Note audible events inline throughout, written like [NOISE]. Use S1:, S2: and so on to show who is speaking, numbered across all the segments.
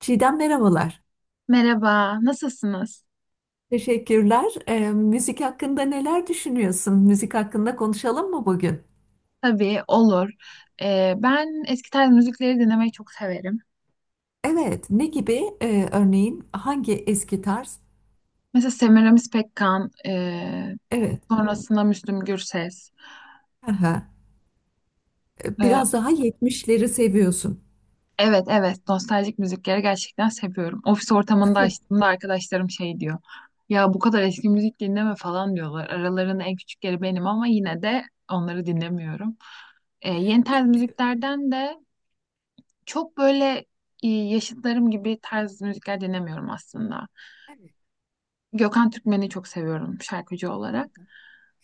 S1: Çiğdem merhabalar.
S2: Merhaba, nasılsınız?
S1: Teşekkürler. Müzik hakkında neler düşünüyorsun? Müzik hakkında konuşalım mı bugün?
S2: Tabii, olur. Ben eski tarz müzikleri dinlemeyi çok severim.
S1: Evet. Ne gibi? Örneğin hangi eski tarz?
S2: Mesela Semiramis Pekkan,
S1: Evet.
S2: sonrasında Müslüm Gürses.
S1: Aha.
S2: E,
S1: Biraz daha 70'leri seviyorsun.
S2: evet, evet, nostaljik müzikleri gerçekten seviyorum. Ofis ortamında açtığımda arkadaşlarım şey diyor. Ya bu kadar eski müzik dinleme falan diyorlar. Aralarının en küçükleri benim ama yine de onları dinlemiyorum. Yeni tarz
S1: [LAUGHS]
S2: müziklerden de çok böyle yaşıtlarım gibi tarz müzikler dinlemiyorum aslında.
S1: Evet.
S2: Gökhan Türkmen'i çok seviyorum şarkıcı olarak.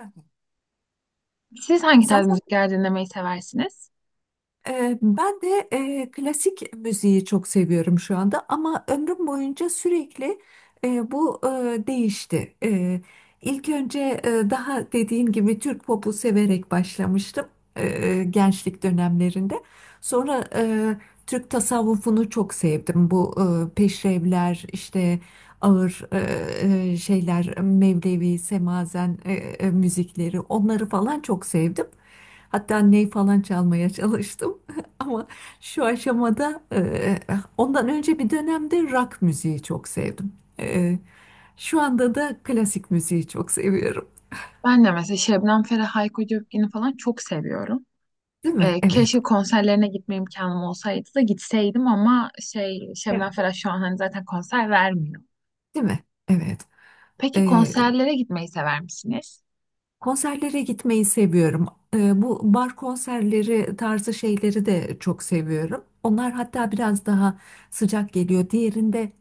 S1: Aha.
S2: Siz hangi tarz
S1: Zaten
S2: müzikler dinlemeyi seversiniz?
S1: ben de klasik müziği çok seviyorum şu anda ama ömrüm boyunca sürekli bu değişti. İlk önce daha dediğin gibi Türk popu severek başlamıştım gençlik dönemlerinde. Sonra Türk tasavvufunu çok sevdim. Bu peşrevler işte ağır şeyler Mevlevi, Semazen müzikleri onları falan çok sevdim. Hatta ney falan çalmaya çalıştım. [LAUGHS] Ama şu aşamada ondan önce bir dönemde rock müziği çok sevdim. E, Şu anda da klasik müziği çok seviyorum.
S2: Ben de mesela Şebnem Ferah, Hayko Cepkin'i falan çok seviyorum.
S1: Değil mi? Evet.
S2: Keşke konserlerine gitme imkanım olsaydı da gitseydim ama şey
S1: Evet.
S2: Şebnem Ferah şu an hani zaten konser vermiyor.
S1: Değil mi? Evet.
S2: Peki
S1: Ee,
S2: konserlere gitmeyi sever misiniz?
S1: Konserlere gitmeyi seviyorum. Bu bar konserleri tarzı şeyleri de çok seviyorum. Onlar hatta biraz daha sıcak geliyor. Diğerinde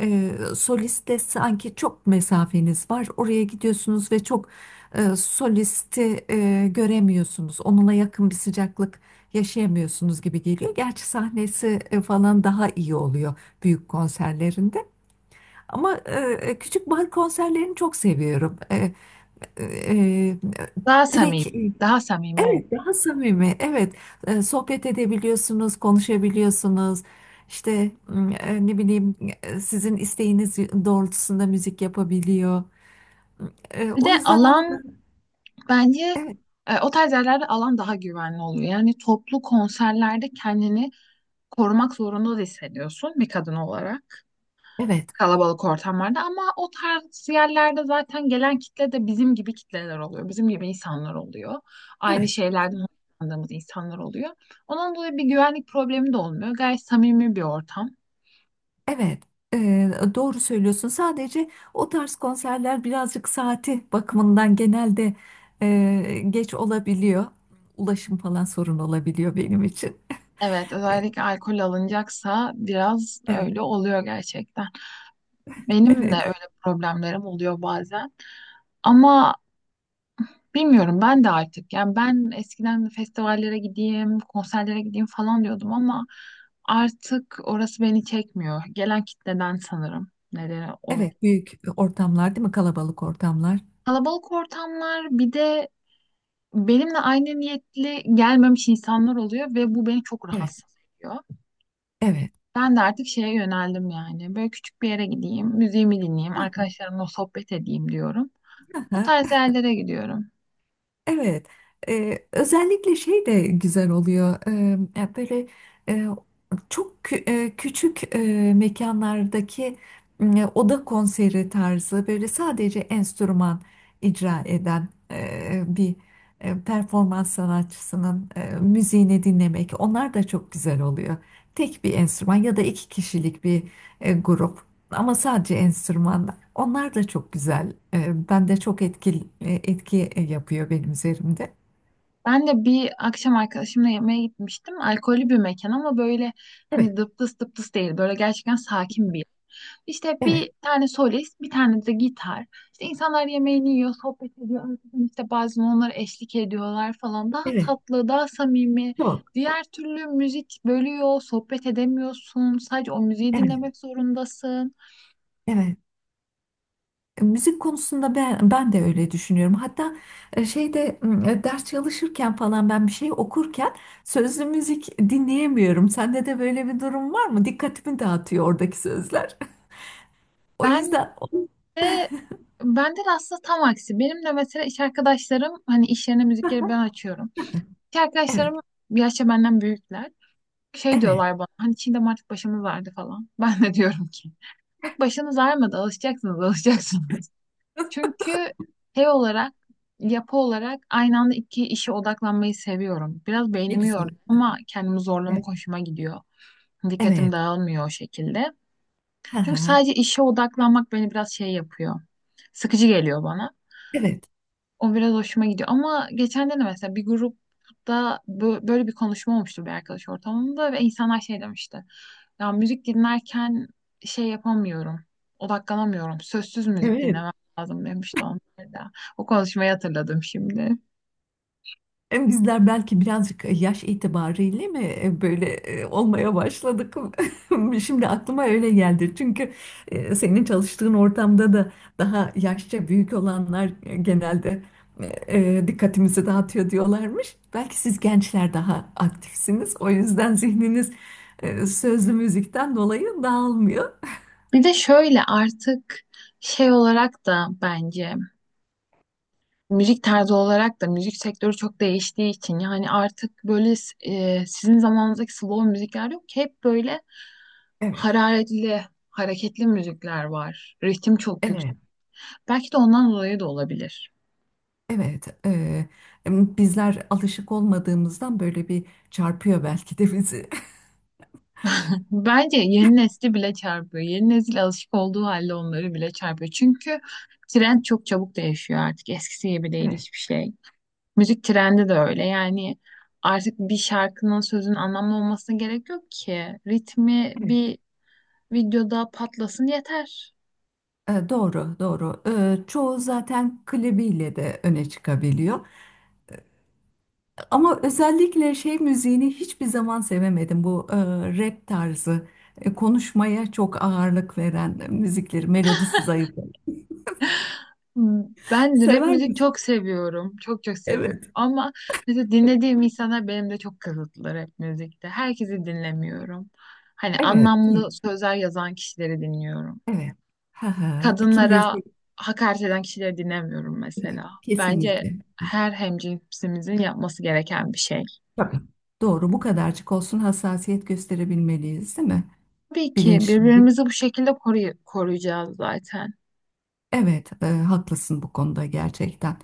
S1: Solist de sanki çok mesafeniz var. Oraya gidiyorsunuz ve çok solisti göremiyorsunuz. Onunla yakın bir sıcaklık yaşayamıyorsunuz gibi geliyor. Gerçi sahnesi falan daha iyi oluyor büyük konserlerinde. Ama küçük bar konserlerini çok seviyorum. E, e,
S2: Daha samimi,
S1: Direkt
S2: daha samimi oluyor.
S1: evet, daha samimi. Evet, sohbet edebiliyorsunuz, konuşabiliyorsunuz. İşte ne bileyim sizin isteğiniz doğrultusunda müzik yapabiliyor.
S2: Bir de
S1: O yüzden onu da
S2: alan bence
S1: evet,
S2: o tarz yerlerde alan daha güvenli oluyor. Yani toplu konserlerde kendini korumak zorunda da hissediyorsun bir kadın olarak.
S1: evet,
S2: Kalabalık ortamlarda ama o tarz yerlerde zaten gelen kitle de bizim gibi kitleler oluyor. Bizim gibi insanlar oluyor. Aynı
S1: evet,
S2: şeylerden hoşlandığımız insanlar oluyor. Onun dolayı bir güvenlik problemi de olmuyor. Gayet samimi bir ortam.
S1: evet. Doğru söylüyorsun. Sadece o tarz konserler birazcık saati bakımından genelde geç olabiliyor. Ulaşım falan sorun olabiliyor benim için.
S2: Evet, özellikle alkol alınacaksa biraz
S1: Evet,
S2: öyle oluyor gerçekten. Benim de
S1: evet,
S2: öyle problemlerim oluyor bazen. Ama bilmiyorum ben de artık yani ben eskiden festivallere gideyim, konserlere gideyim falan diyordum ama artık orası beni çekmiyor. Gelen kitleden sanırım nedeni o.
S1: evet. Büyük ortamlar, değil mi? Kalabalık ortamlar.
S2: Kalabalık ortamlar bir de benimle aynı niyetli gelmemiş insanlar oluyor ve bu beni çok
S1: Evet,
S2: rahatsız ediyor.
S1: evet.
S2: Ben de artık şeye yöneldim yani böyle küçük bir yere gideyim, müziğimi dinleyeyim, arkadaşlarımla sohbet edeyim diyorum. O
S1: Ha,
S2: tarz yerlere gidiyorum.
S1: evet. Özellikle şey de güzel oluyor. Ya böyle e, çok küçük mekanlardaki oda konseri tarzı böyle sadece enstrüman icra eden bir performans sanatçısının müziğini dinlemek. Onlar da çok güzel oluyor. Tek bir enstrüman ya da iki kişilik bir grup. Ama sadece enstrümanlar. Onlar da çok güzel. Ben de çok etkili, etki yapıyor benim üzerimde.
S2: Ben de bir akşam arkadaşımla yemeğe gitmiştim. Alkollü bir mekan ama böyle
S1: Evet,
S2: hani dıptıs dıptıs değil. Böyle gerçekten sakin bir yer. İşte
S1: evet,
S2: bir tane solist, bir tane de gitar. İşte insanlar yemeğini yiyor, sohbet ediyor. Arkadan işte bazen onlara eşlik ediyorlar falan. Daha
S1: evet.
S2: tatlı, daha samimi.
S1: Çok.
S2: Diğer türlü müzik bölüyor, sohbet edemiyorsun. Sadece o müziği
S1: Evet,
S2: dinlemek zorundasın.
S1: evet. Müzik konusunda ben de öyle düşünüyorum. Hatta şeyde ders çalışırken falan ben bir şey okurken sözlü müzik dinleyemiyorum. Sende de böyle bir durum var mı? Dikkatimi dağıtıyor oradaki sözler. [LAUGHS] O
S2: Ben
S1: yüzden
S2: Ve Bende de aslında tam aksi. Benim de mesela iş arkadaşlarım hani iş yerine müzikleri ben açıyorum. İş
S1: evet,
S2: arkadaşlarım yaşça benden büyükler. Şey
S1: evet.
S2: diyorlar bana hani Çiğdem artık başımız ağrıdı falan. [LAUGHS] Ben de diyorum ki yok başınız ağrımadı alışacaksınız alışacaksınız. [LAUGHS] Çünkü şey olarak yapı olarak aynı anda iki işe odaklanmayı seviyorum. Biraz
S1: Ne
S2: beynimi yoruyor
S1: güzel.
S2: ama kendimi
S1: Evet.
S2: zorlamak hoşuma gidiyor. Dikkatim
S1: Evet.
S2: dağılmıyor o şekilde. Çünkü sadece
S1: [LAUGHS]
S2: işe odaklanmak beni biraz şey yapıyor. Sıkıcı geliyor bana.
S1: Evet.
S2: O biraz hoşuma gidiyor. Ama geçen de mesela bir grupta böyle bir konuşma olmuştu bir arkadaş ortamında ve insanlar şey demişti. Ya müzik dinlerken şey yapamıyorum, odaklanamıyorum. Sözsüz müzik
S1: Evet.
S2: dinlemem lazım demişti onlar da. O konuşmayı hatırladım şimdi.
S1: Bizler belki birazcık yaş itibariyle mi böyle olmaya başladık? [LAUGHS] Şimdi aklıma öyle geldi. Çünkü senin çalıştığın ortamda da daha yaşça büyük olanlar genelde dikkatimizi dağıtıyor diyorlarmış. Belki siz gençler daha aktifsiniz. O yüzden zihniniz sözlü müzikten dolayı dağılmıyor.
S2: Bir de şöyle artık şey olarak da bence müzik tarzı olarak da müzik sektörü çok değiştiği için yani artık böyle sizin zamanınızdaki slow müzikler yok ki hep böyle
S1: Evet,
S2: hararetli, hareketli müzikler var. Ritim çok yüksek.
S1: evet,
S2: Belki de ondan dolayı da olabilir.
S1: evet. Bizler alışık olmadığımızdan böyle bir çarpıyor belki de bizi.
S2: Bence yeni nesli bile çarpıyor. Yeni nesil alışık olduğu halde onları bile çarpıyor. Çünkü trend çok çabuk değişiyor artık. Eskisi gibi değil hiçbir
S1: [LAUGHS]
S2: şey. Müzik trendi de öyle. Yani artık bir şarkının sözün anlamlı olmasına gerek yok ki. Ritmi
S1: Evet.
S2: bir videoda patlasın yeter.
S1: Doğru, doğru. Çoğu zaten klibiyle de öne çıkabiliyor. Ama özellikle şey müziğini hiçbir zaman sevemedim. Bu rap tarzı, konuşmaya çok ağırlık veren müzikleri, melodisi zayıf.
S2: Hmm, ben rap
S1: Sever
S2: müzik
S1: misin?
S2: çok seviyorum. Çok çok seviyorum.
S1: Evet.
S2: Ama mesela dinlediğim insanlar benim de çok kısıtlı rap müzikte. Herkesi dinlemiyorum. Hani
S1: Evet, hı,
S2: anlamlı sözler yazan kişileri dinliyorum.
S1: evet. Ha ha. Kimleri
S2: Kadınlara hakaret eden kişileri dinlemiyorum
S1: sevdiğini
S2: mesela. Bence
S1: kesinlikle.
S2: her hemcinsimizin yapması gereken bir şey.
S1: Tabii. Doğru, bu kadarcık olsun hassasiyet gösterebilmeliyiz, değil mi?
S2: Tabii ki
S1: Bilinçlilik.
S2: birbirimizi bu şekilde koruyacağız zaten.
S1: Evet, haklısın bu konuda gerçekten.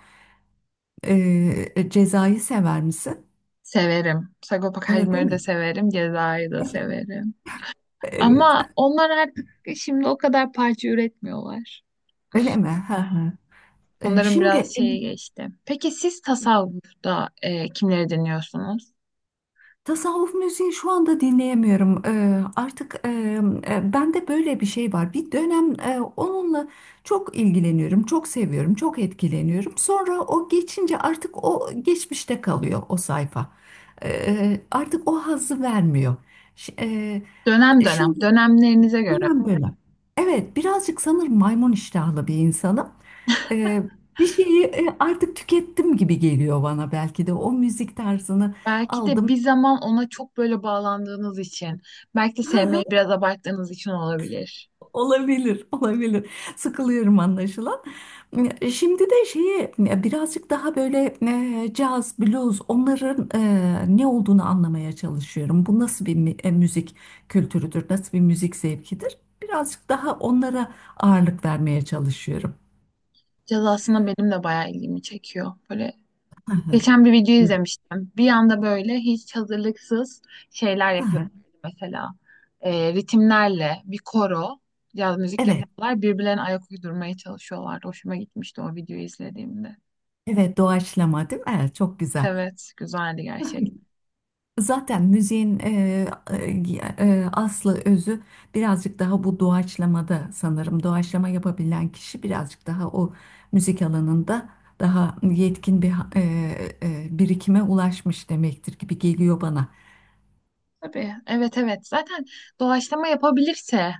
S1: Cezayı sever misin?
S2: Severim. Sagopa
S1: Değil
S2: Kajmer'i de
S1: mi?
S2: severim. Ceza'yı da
S1: [LAUGHS]
S2: severim.
S1: Evet.
S2: Ama onlar artık şimdi o kadar parça üretmiyorlar.
S1: Öyle mi? Hı hı.
S2: Onların
S1: Şimdi
S2: biraz şeye geçti. Peki siz tasavvufta kimleri dinliyorsunuz?
S1: tasavvuf müziği şu anda dinleyemiyorum. Artık bende böyle bir şey var. Bir dönem onunla çok ilgileniyorum, çok seviyorum, çok etkileniyorum. Sonra o geçince artık o geçmişte kalıyor o sayfa. Artık o hazzı vermiyor. Ş-
S2: Dönem dönem,
S1: Şimdi
S2: dönemlerinize göre.
S1: aynen böyle. Evet, birazcık sanırım maymun iştahlı bir insanım. Ee, Bir şeyi artık tükettim gibi geliyor bana belki de. O müzik tarzını
S2: Belki de
S1: aldım.
S2: bir zaman ona çok böyle bağlandığınız için, belki de sevmeyi
S1: [LAUGHS]
S2: biraz abarttığınız için olabilir.
S1: Olabilir, olabilir. Sıkılıyorum anlaşılan. Şimdi de şeyi birazcık daha böyle caz, blues onların ne olduğunu anlamaya çalışıyorum. Bu nasıl bir müzik kültürüdür, nasıl bir müzik zevkidir? Birazcık daha onlara ağırlık vermeye çalışıyorum.
S2: Caz aslında benim de bayağı ilgimi çekiyor. Böyle geçen
S1: [LAUGHS]
S2: bir video izlemiştim. Bir anda böyle hiç hazırlıksız şeyler yapıyorlar.
S1: Ha,
S2: Mesela ritimlerle bir koro caz müzik
S1: evet,
S2: yapıyorlar. Birbirlerine ayak uydurmaya çalışıyorlardı. Hoşuma gitmişti o videoyu izlediğimde.
S1: evet, doğaçlama değil mi? Evet, çok güzel.
S2: Evet, güzeldi gerçekten.
S1: Zaten müziğin e, aslı özü birazcık daha bu doğaçlamada sanırım. Doğaçlama yapabilen kişi birazcık daha o müzik alanında daha yetkin bir birikime ulaşmış demektir gibi geliyor bana.
S2: Tabii. Evet, evet. Zaten doğaçlama yapabilirse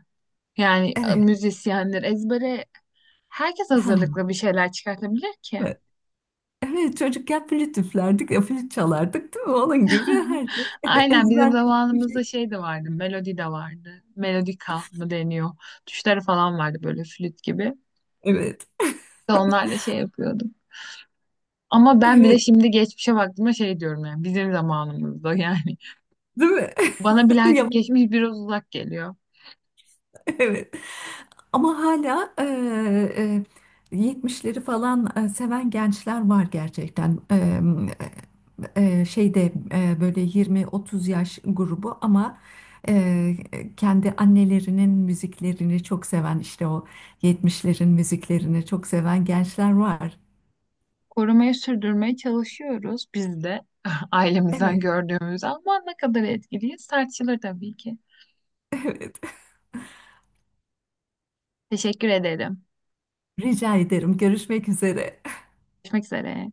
S2: yani
S1: Evet.
S2: müzisyenler ezbere herkes
S1: Ha,
S2: hazırlıklı bir şeyler çıkartabilir ki.
S1: evet, evet, çocukken flüt üflerdik, flüt çalardık değil mi? Onun gibi herkes
S2: [LAUGHS]
S1: [LAUGHS]
S2: Aynen bizim
S1: ezberledik bir şey.
S2: zamanımızda şey de vardı, melodi de vardı. Melodika mı deniyor? Tuşları falan vardı böyle flüt gibi.
S1: Evet,
S2: Onlarla şey yapıyordum. Ama ben bile
S1: evet,
S2: şimdi geçmişe baktığımda şey diyorum yani bizim zamanımızda yani.
S1: değil mi?
S2: [LAUGHS] Bana bile
S1: [LAUGHS] Ya
S2: artık geçmiş biraz uzak geliyor.
S1: [LAUGHS] Evet. Ama hala 70'leri falan seven gençler var gerçekten. Şeyde böyle 20-30 yaş grubu ama eee, kendi annelerinin müziklerini çok seven işte o 70'lerin müziklerini çok seven gençler var.
S2: Korumaya sürdürmeye çalışıyoruz biz de [LAUGHS] ailemizden
S1: Evet,
S2: gördüğümüz ama ne kadar etkiliyiz tartışılır tabii ki.
S1: [LAUGHS] evet.
S2: Teşekkür ederim.
S1: Rica ederim. Görüşmek üzere.
S2: Görüşmek üzere.